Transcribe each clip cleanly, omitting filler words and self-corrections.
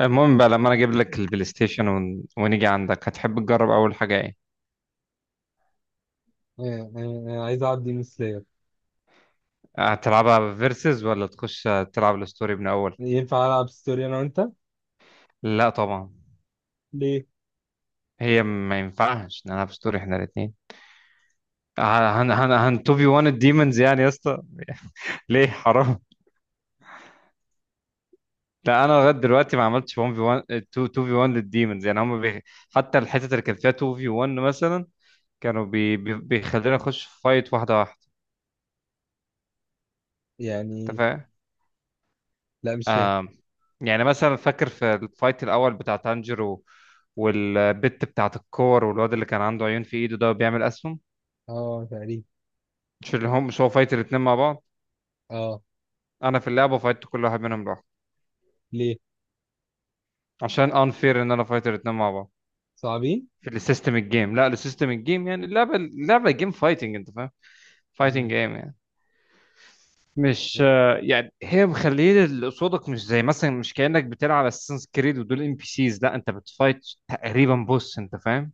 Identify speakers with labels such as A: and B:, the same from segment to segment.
A: المهم بقى لما انا اجيب لك البلاي ستيشن ون ونيجي عندك، هتحب تجرب اول حاجه ايه؟
B: آه، آه، آه، عايز اعدي من سلاير.
A: هتلعبها فيرسز ولا تخش تلعب الستوري من اول؟
B: ينفع العب ستوري انا وانت؟
A: لا طبعا.
B: ليه؟
A: هي ما ينفعش نلعب ستوري احنا الاثنين. هن هن هن 2 في 1 الديمونز يعني يا اسطى. ليه؟ حرام. لا انا لغايه دلوقتي ما عملتش 1 في 1، 2 2 في 1 للديمونز، يعني هم حتى الحتت اللي كان فيها 2 في 1 مثلا كانوا بيخلينا نخش فايت واحده واحده. انت
B: يعني،
A: فاهم؟
B: لا مش فاهم.
A: آم، يعني مثلا فاكر في الفايت الاول بتاع تانجيرو والبت بتاعت الكور والواد اللي كان عنده عيون في ايده ده بيعمل اسهم؟
B: اه، تقريبا.
A: مش اللي هم مش هو فايت الاتنين مع بعض؟
B: اه.
A: انا في اللعبه فايت كل واحد منهم لوحده
B: ليه؟
A: عشان انفير ان انا فايت الاتنين مع بعض.
B: صعبين.
A: في السيستم الجيم، لا، السيستم الجيم يعني اللعبه، اللعبه جيم فايتنج، انت فاهم؟ فايتنج
B: مم.
A: جيم يعني. مش يعني هي مخليه اللي قصادك مش زي مثلا مش كانك بتلعب اساسنز كريد ودول ام بي سيز، لا انت بتفايت تقريبا بوس، انت فاهم؟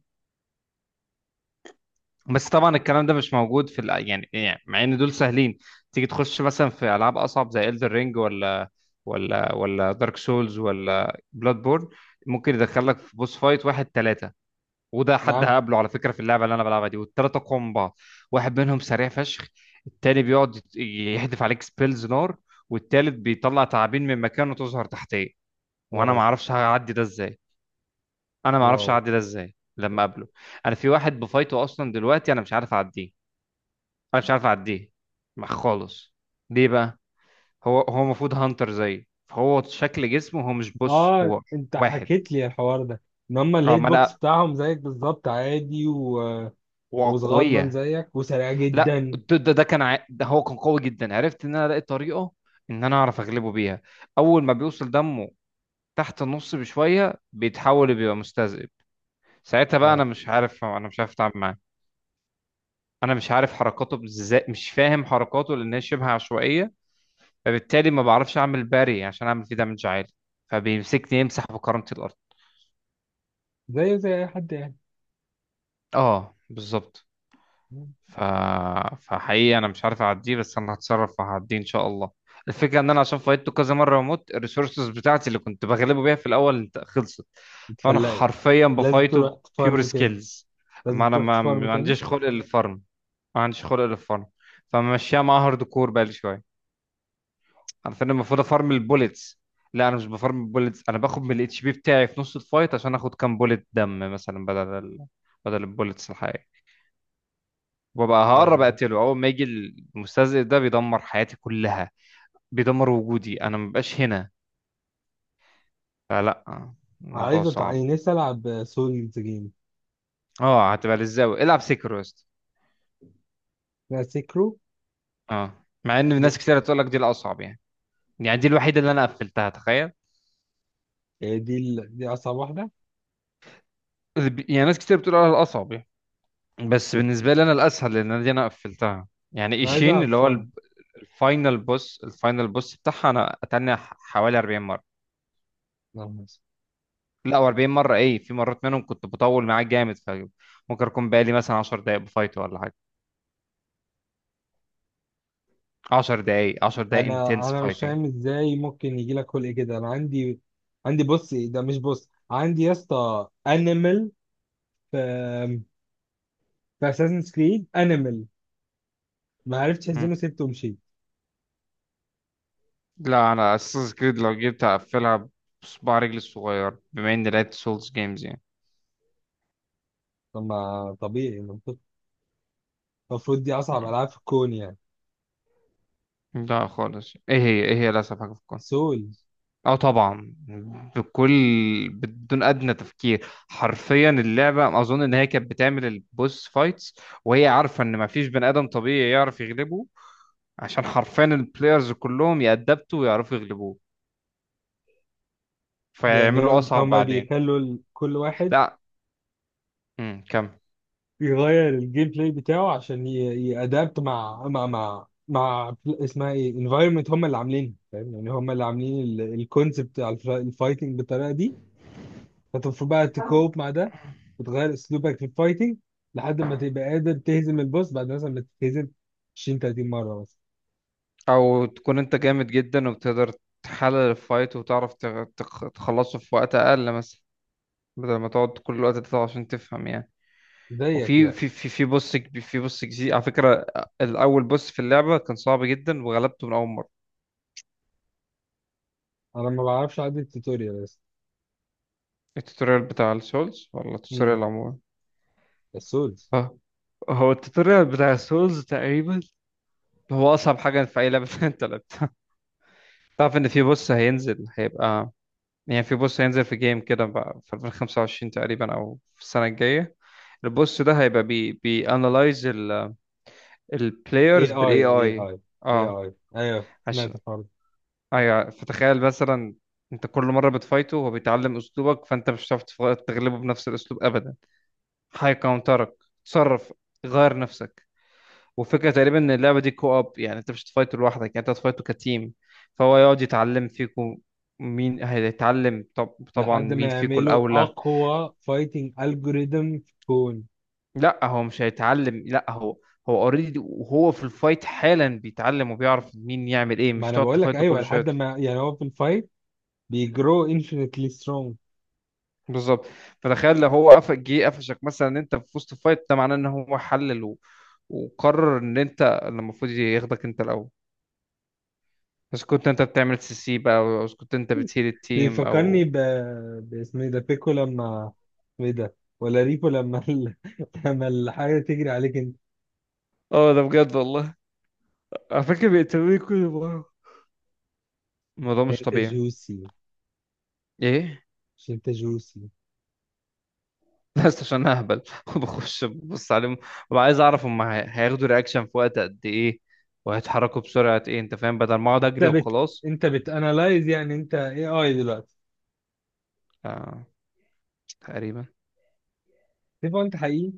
A: بس طبعا الكلام ده مش موجود في يعني يعني مع ان دول سهلين. تيجي تخش مثلا في العاب اصعب زي Elden Ring ولا ولا دارك سولز ولا بلاد بورن، ممكن يدخلك في بوس فايت واحد ثلاثة. وده حد
B: نعم.
A: هقابله على فكرة في اللعبة اللي انا بلعبها دي، والثلاثة اقوى من بعض. واحد منهم سريع فشخ، التاني بيقعد يحدف عليك سبيلز نار، والتالت بيطلع تعابين من مكانه تظهر تحتيه، وانا
B: واو.
A: ما اعرفش هعدي ده ازاي. انا ما اعرفش
B: واو.
A: هعدي ده ازاي لما اقابله. انا في واحد بفايته اصلا دلوقتي انا مش عارف اعديه. انا مش عارف اعديه. خالص. ليه بقى؟ هو المفروض هانتر زي، فهو شكل جسمه هو مش بص
B: اه،
A: هو
B: انت
A: واحد.
B: حكيت لي الحوار ده. ان هم
A: اه
B: الهيت
A: ما
B: بوكس
A: انا.
B: بتاعهم زيك بالظبط عادي وصغنن
A: وقوية.
B: زيك وسريع
A: لا
B: جدا.
A: ده هو كان قوي جدا، عرفت ان انا الاقي طريقة ان انا اعرف اغلبه بيها. اول ما بيوصل دمه تحت النص بشوية بيتحول، بيبقى مستذئب. ساعتها بقى
B: اه،
A: انا مش عارف، انا مش عارف اتعامل معاه. انا مش عارف حركاته ازاي، مش فاهم حركاته لان هي شبه عشوائية، فبالتالي ما بعرفش اعمل باري عشان اعمل فيه دامج عالي، فبيمسكني يمسح بكرامتي الارض.
B: زيه زي اي حد يعني.
A: اه بالظبط.
B: مم.
A: ف... فحقيقي انا مش عارف اعديه، بس انا هتصرف وهعديه ان شاء الله. الفكره ان انا عشان فايتته كذا مره واموت، الريسورسز بتاعتي اللي كنت بغلبه بيها في الاول خلصت، فانا
B: اتفلقت.
A: حرفيا
B: لازم
A: بفايته
B: تروح
A: بيور
B: تفارم تاني.
A: سكيلز.
B: لازم
A: ما انا
B: تروح
A: ما,
B: تفارم
A: ما
B: تاني.
A: عنديش خلق للفارم. ما عنديش خلق للفارم. فمشيها مع هارد كور بقالي شويه. عارفين المفروض افارم البوليتس؟ لا انا مش بفارم البوليتس، انا باخد من الاتش بي بتاعي في نص الفايت عشان اخد كام بوليت دم مثلا بدل بدل البوليتس الحقيقية، وببقى هقرب
B: آه.
A: اقتله اول ما يجي. المستهزئ ده بيدمر حياتي كلها، بيدمر وجودي، انا مبقاش هنا، فلا، الموضوع
B: عايز
A: صعب.
B: نفسي العب سولز جيم.
A: اه، هتبقى للزاوية العب سيكرو يا اسطى.
B: لا، سيكرو.
A: اه، مع ان
B: دي،
A: ناس كتير تقول لك دي الاصعب يعني. يعني دي الوحيدة اللي انا قفلتها، تخيل.
B: يعني دي اصعب واحده.
A: يعني ناس كتير بتقول على الاصعب يعني، بس بالنسبة لي انا الاسهل، لان أنا دي انا قفلتها. يعني
B: انا عايز
A: ايشين
B: العب
A: اللي هو
B: فن.
A: الفاينل بوس، الفاينل بوس بتاعها انا اتنى حوالي 40 مره. لا و40 مره ايه، في مرات منهم كنت بطول معاه جامد، فممكن اكون بقالي مثلا 10 دقائق بفايت ولا حاجه. 10 دقائق، 10 دقائق
B: انا
A: انتنس
B: انا مش
A: فايتنج.
B: فاهم ازاي ممكن يجي لك خلق كده. انا عندي، عندي، بص، إيه ده؟ مش بص، عندي يا اسطى، انيمال. في في اساسن كريد انيمال. ما عرفتش اهزمه، سبته ومشيت.
A: لا انا اساس كريد لو جيت اقفلها بصباع رجلي الصغير بما اني لعبت سولز جيمز يعني.
B: طب، ما طبيعي، المفروض دي اصعب
A: مم.
B: العاب في الكون يعني.
A: لا خالص، ايه هي، ايه هي الاسهل حاجه في الكون.
B: سول.
A: اه طبعا. بكل، بدون ادنى تفكير. حرفيا اللعبه اظن ان هي كانت بتعمل البوس فايتس وهي عارفه ان مفيش بني ادم طبيعي يعرف يغلبه، عشان حرفيا البلايرز كلهم يأدبتوا ويعرفوا يغلبوه،
B: يعني
A: فيعملوا
B: هو
A: اصعب
B: هما
A: بعدين.
B: بيخلوا كل واحد
A: لا. كمل.
B: يغير الجيم بلاي بتاعه عشان يأدابت مع اسمها ايه، انفايرمنت، هم اللي عاملينها فاهم، يعني هم اللي عاملين الكونسبت بتاع الفايتنج بالطريقه دي. فانت المفروض بقى تكوب مع ده، وتغير اسلوبك في الفايتنج لحد ما تبقى قادر تهزم البوس بعد مثلا ما تتهزم 20 30 مره مثلا.
A: او تكون انت جامد جدا وبتقدر تحلل الفايت وتعرف تخلصه في وقت اقل مثلا، بدل ما تقعد كل الوقت ده عشان تفهم يعني.
B: زيك
A: وفي
B: يعني.
A: في بوس في بوس جديد على فكرة. الأول بوس في اللعبة كان صعب جدا وغلبته من أول مرة.
B: انا ما بعرفش اعدي التوتوريال بس.
A: التوتوريال بتاع السولز ولا
B: امم
A: التوتوريال عموما؟
B: السولز.
A: اه. هو التوتوريال بتاع السولز تقريبا هو أصعب حاجة في أي لعبة أنت لعبتها. تعرف إن في بوس هينزل؟ هيبقى يعني في بوس هينزل في جيم كده بقى في 2025 تقريبا أو في السنة الجاية. البوس ده هيبقى بي بي analyze ال
B: اي
A: البلايرز
B: اي،
A: بالاي
B: اي اي،
A: اي.
B: اي
A: اه.
B: اي، ايوه سمعت
A: عشان،
B: الحوار.
A: ايوه، فتخيل مثلا، انت كل مره بتفايته هو بيتعلم اسلوبك، فانت مش هتعرف تغلبه بنفس الاسلوب ابدا، هيكونترك. تصرف، غير نفسك. وفكره تقريبا ان اللعبه دي كو اب يعني انت مش هتفايته لوحدك، يعني انت هتفايته كتيم، فهو يقعد يتعلم فيكم. مين هيتعلم طب؟ طبعا
B: لحد ما
A: مين فيكم
B: يعملوا
A: الاولى.
B: اقوى فايتنج الجوريزم في الكون.
A: لا هو مش هيتعلم، لا هو، هو اوريدي وهو في الفايت حالا بيتعلم وبيعرف مين يعمل ايه،
B: ما
A: مش
B: انا
A: تقعد
B: بقول لك
A: تفايته
B: ايوه،
A: كل شويه.
B: لحد ما، يعني هو في الفايت بيجرو انفينيتلي سترونج.
A: بالظبط. فتخيل لو هو قفش جه قفشك مثلا ان انت في وسط فايت، ده معناه ان هو حلل وقرر ان انت اللي المفروض ياخدك انت الاول، بس كنت انت بتعمل سي سي بقى، او إذا كنت انت بتشيل التيم
B: بيفكرني
A: او.
B: باسمه ايه ده؟ بيكو، لما اسمه ايه ده، ولا ريكو، لما الحاجه تجري عليك انت.
A: اه ده بجد والله، على فكره بيقتلوني كل مره، الموضوع مش
B: انت
A: طبيعي.
B: جوسي.
A: ايه.
B: مش انت جوسي؟
A: بس عشان اهبل وبخش ببص عليهم وببقى عايز اعرف هم هياخدوا رياكشن في وقت قد ايه، وهيتحركوا بسرعه ايه، انت فاهم، بدل ما اقعد
B: انت
A: اجري
B: بت
A: وخلاص.
B: انت بتانلايز، يعني انت اي اي دلوقتي؟
A: آه تقريبا.
B: تبقى انت حقيقي؟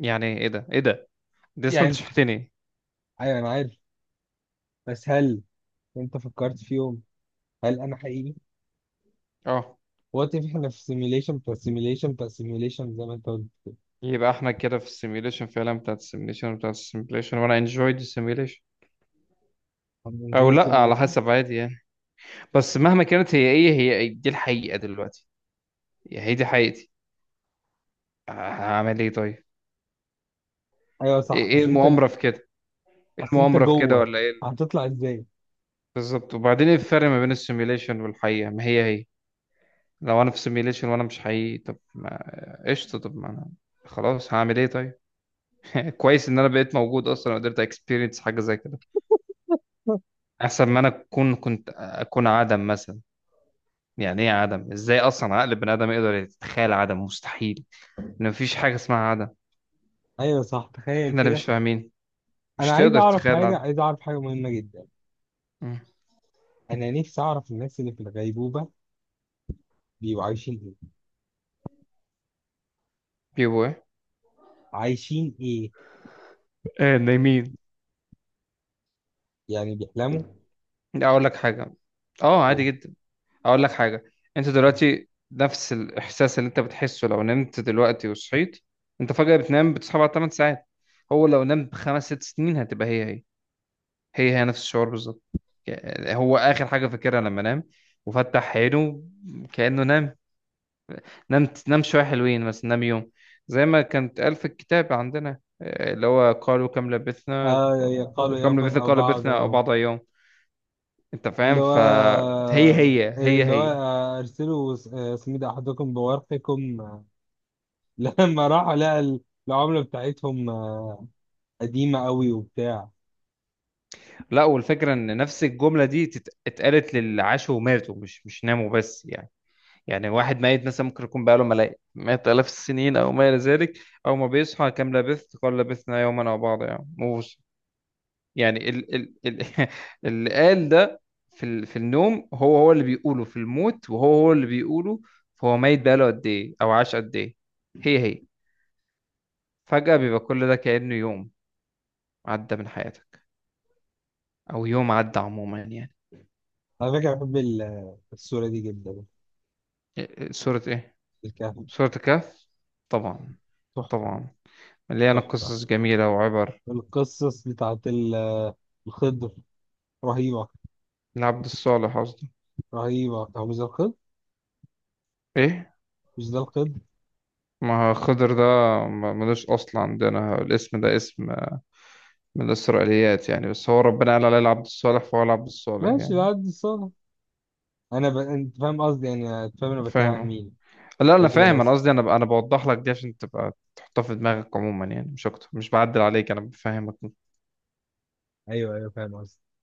A: يعني ايه ده، ايه ده، دي اصلا
B: يعني
A: انت
B: انت حقيقي.
A: شفتني.
B: ايوه، انا عارف. بس هل انت فكرت في يوم، هل انا حقيقي
A: اه.
B: وقت احنا في سيميليشن بتاع سيميليشن بتاع سيميليشن زي ما انت قلت؟
A: يبقى احنا كده في السيميوليشن فعلا بتاعت السيميوليشن بتاعت السيميوليشن، وانا انجويد السيميوليشن او
B: هننجوي
A: لا على
B: سيميليشن.
A: حسب، عادي يعني. بس مهما كانت، هي ايه، هي دي الحقيقة دلوقتي، هي دي حقيقتي، هعمل ايه طيب.
B: ايوه صح،
A: إيه
B: اصل انت
A: المؤامرة في كده، ايه
B: اصل انت
A: المؤامرة في كده
B: جوه،
A: ولا ايه؟
B: هتطلع ازاي؟
A: بالظبط. وبعدين ايه الفرق ما بين السيميوليشن والحقيقة؟ ما هي هي. لو انا في سيميوليشن وانا مش حقيقي، طب ما قشطة، طب ما انا خلاص، هعمل ايه طيب؟ كويس ان انا بقيت موجود اصلا وقدرت اكسبيرينس حاجة زي كده. احسن ما انا اكون، كنت اكون عدم مثلا. يعني ايه عدم؟ ازاي اصلا عقل بني ادم يقدر يتخيل عدم؟ مستحيل. ان مفيش حاجه اسمها عدم،
B: ايوه صح، تخيل
A: احنا اللي مش
B: كده.
A: فاهمين، مش
B: انا عايز
A: تقدر
B: اعرف
A: تتخيل
B: حاجه
A: العدم.
B: عايز اعرف حاجه مهمه جدا.
A: مم.
B: انا نفسي اعرف الناس اللي في الغيبوبه بيبقوا عايشين ايه؟
A: بيبو ايه؟
B: عايشين ايه؟
A: نايمين.
B: يعني بيحلموا؟
A: اقول لك حاجه، اه عادي جدا، اقول لك حاجه. انت دلوقتي نفس الاحساس اللي انت بتحسه لو نمت دلوقتي وصحيت. انت فجاه بتنام بتصحى بعد 8 ساعات، هو لو نام بخمس ست سنين هتبقى هي هي، هي هي نفس الشعور بالظبط. يعني هو اخر حاجه فاكرها لما نام وفتح عينه كانه نام، نمت نام شوية حلوين مثلا، نام يوم. زي ما كانت قال في الكتاب عندنا اللي هو قالوا كم لبثنا.
B: اه، يقالوا
A: كم
B: يوما
A: لبثنا،
B: او
A: قالوا
B: بعد
A: لبثنا أو
B: يوم.
A: بعض أيام. أنت
B: اللي
A: فاهم؟
B: هو
A: فهي هي،
B: إيه،
A: هي
B: اللي هو،
A: هي.
B: ارسلوا اسمي ده احدكم بورقكم. لما راحوا لقى العملة بتاعتهم قديمة قوي وبتاع.
A: لا، والفكرة إن نفس الجملة دي اتقالت للي عاشوا وماتوا، مش ناموا بس، يعني. يعني واحد ميت مثلا ممكن يكون بقاله ملايين مئات آلاف السنين أو ما إلى ذلك، أول ما بيصحى كم لبثت قال لبثنا يوما أو بعض، يعني. يعني ال ال ال اللي قال ده في ال، في النوم هو هو اللي بيقوله في الموت، وهو هو اللي بيقوله. فهو ميت بقاله قد ايه او عاش قد ايه، هي هي. فجأة بيبقى كل ده كأنه يوم عدى من حياتك، او يوم عدى عموما يعني.
B: على فكرة، بحب الصورة دي جدا.
A: إيه- إيه، سورة ايه؟
B: الكهف.
A: سورة الكهف. طبعا.
B: تحفة.
A: طبعا. مليانة
B: تحفة.
A: قصص جميلة وعبر.
B: القصص بتاعت الخضر رهيبة.
A: العبد الصالح قصدي.
B: رهيبة. هو مش ده الخضر؟
A: ايه.
B: مش ده الخضر؟
A: ما خضر ده، ملوش اصل عندنا. الاسم ده اسم من الإسرائيليات يعني، بس هو ربنا قال عليه العبد الصالح فهو العبد الصالح
B: ماشي،
A: يعني.
B: بعد الصورة. أنت فاهم قصدي؟ يعني أنت فاهم أنا بتكلم عن
A: فاهمه.
B: مين؟
A: لا أنا
B: أشغال،
A: فاهم، أنا
B: آسف.
A: قصدي أنا، أنا بوضح لك دي عشان تبقى تحطها في دماغك عموما يعني، مش أكتر، مش بعدل عليك أنا بفهمك.
B: أيوه، أيوه، فاهم قصدي.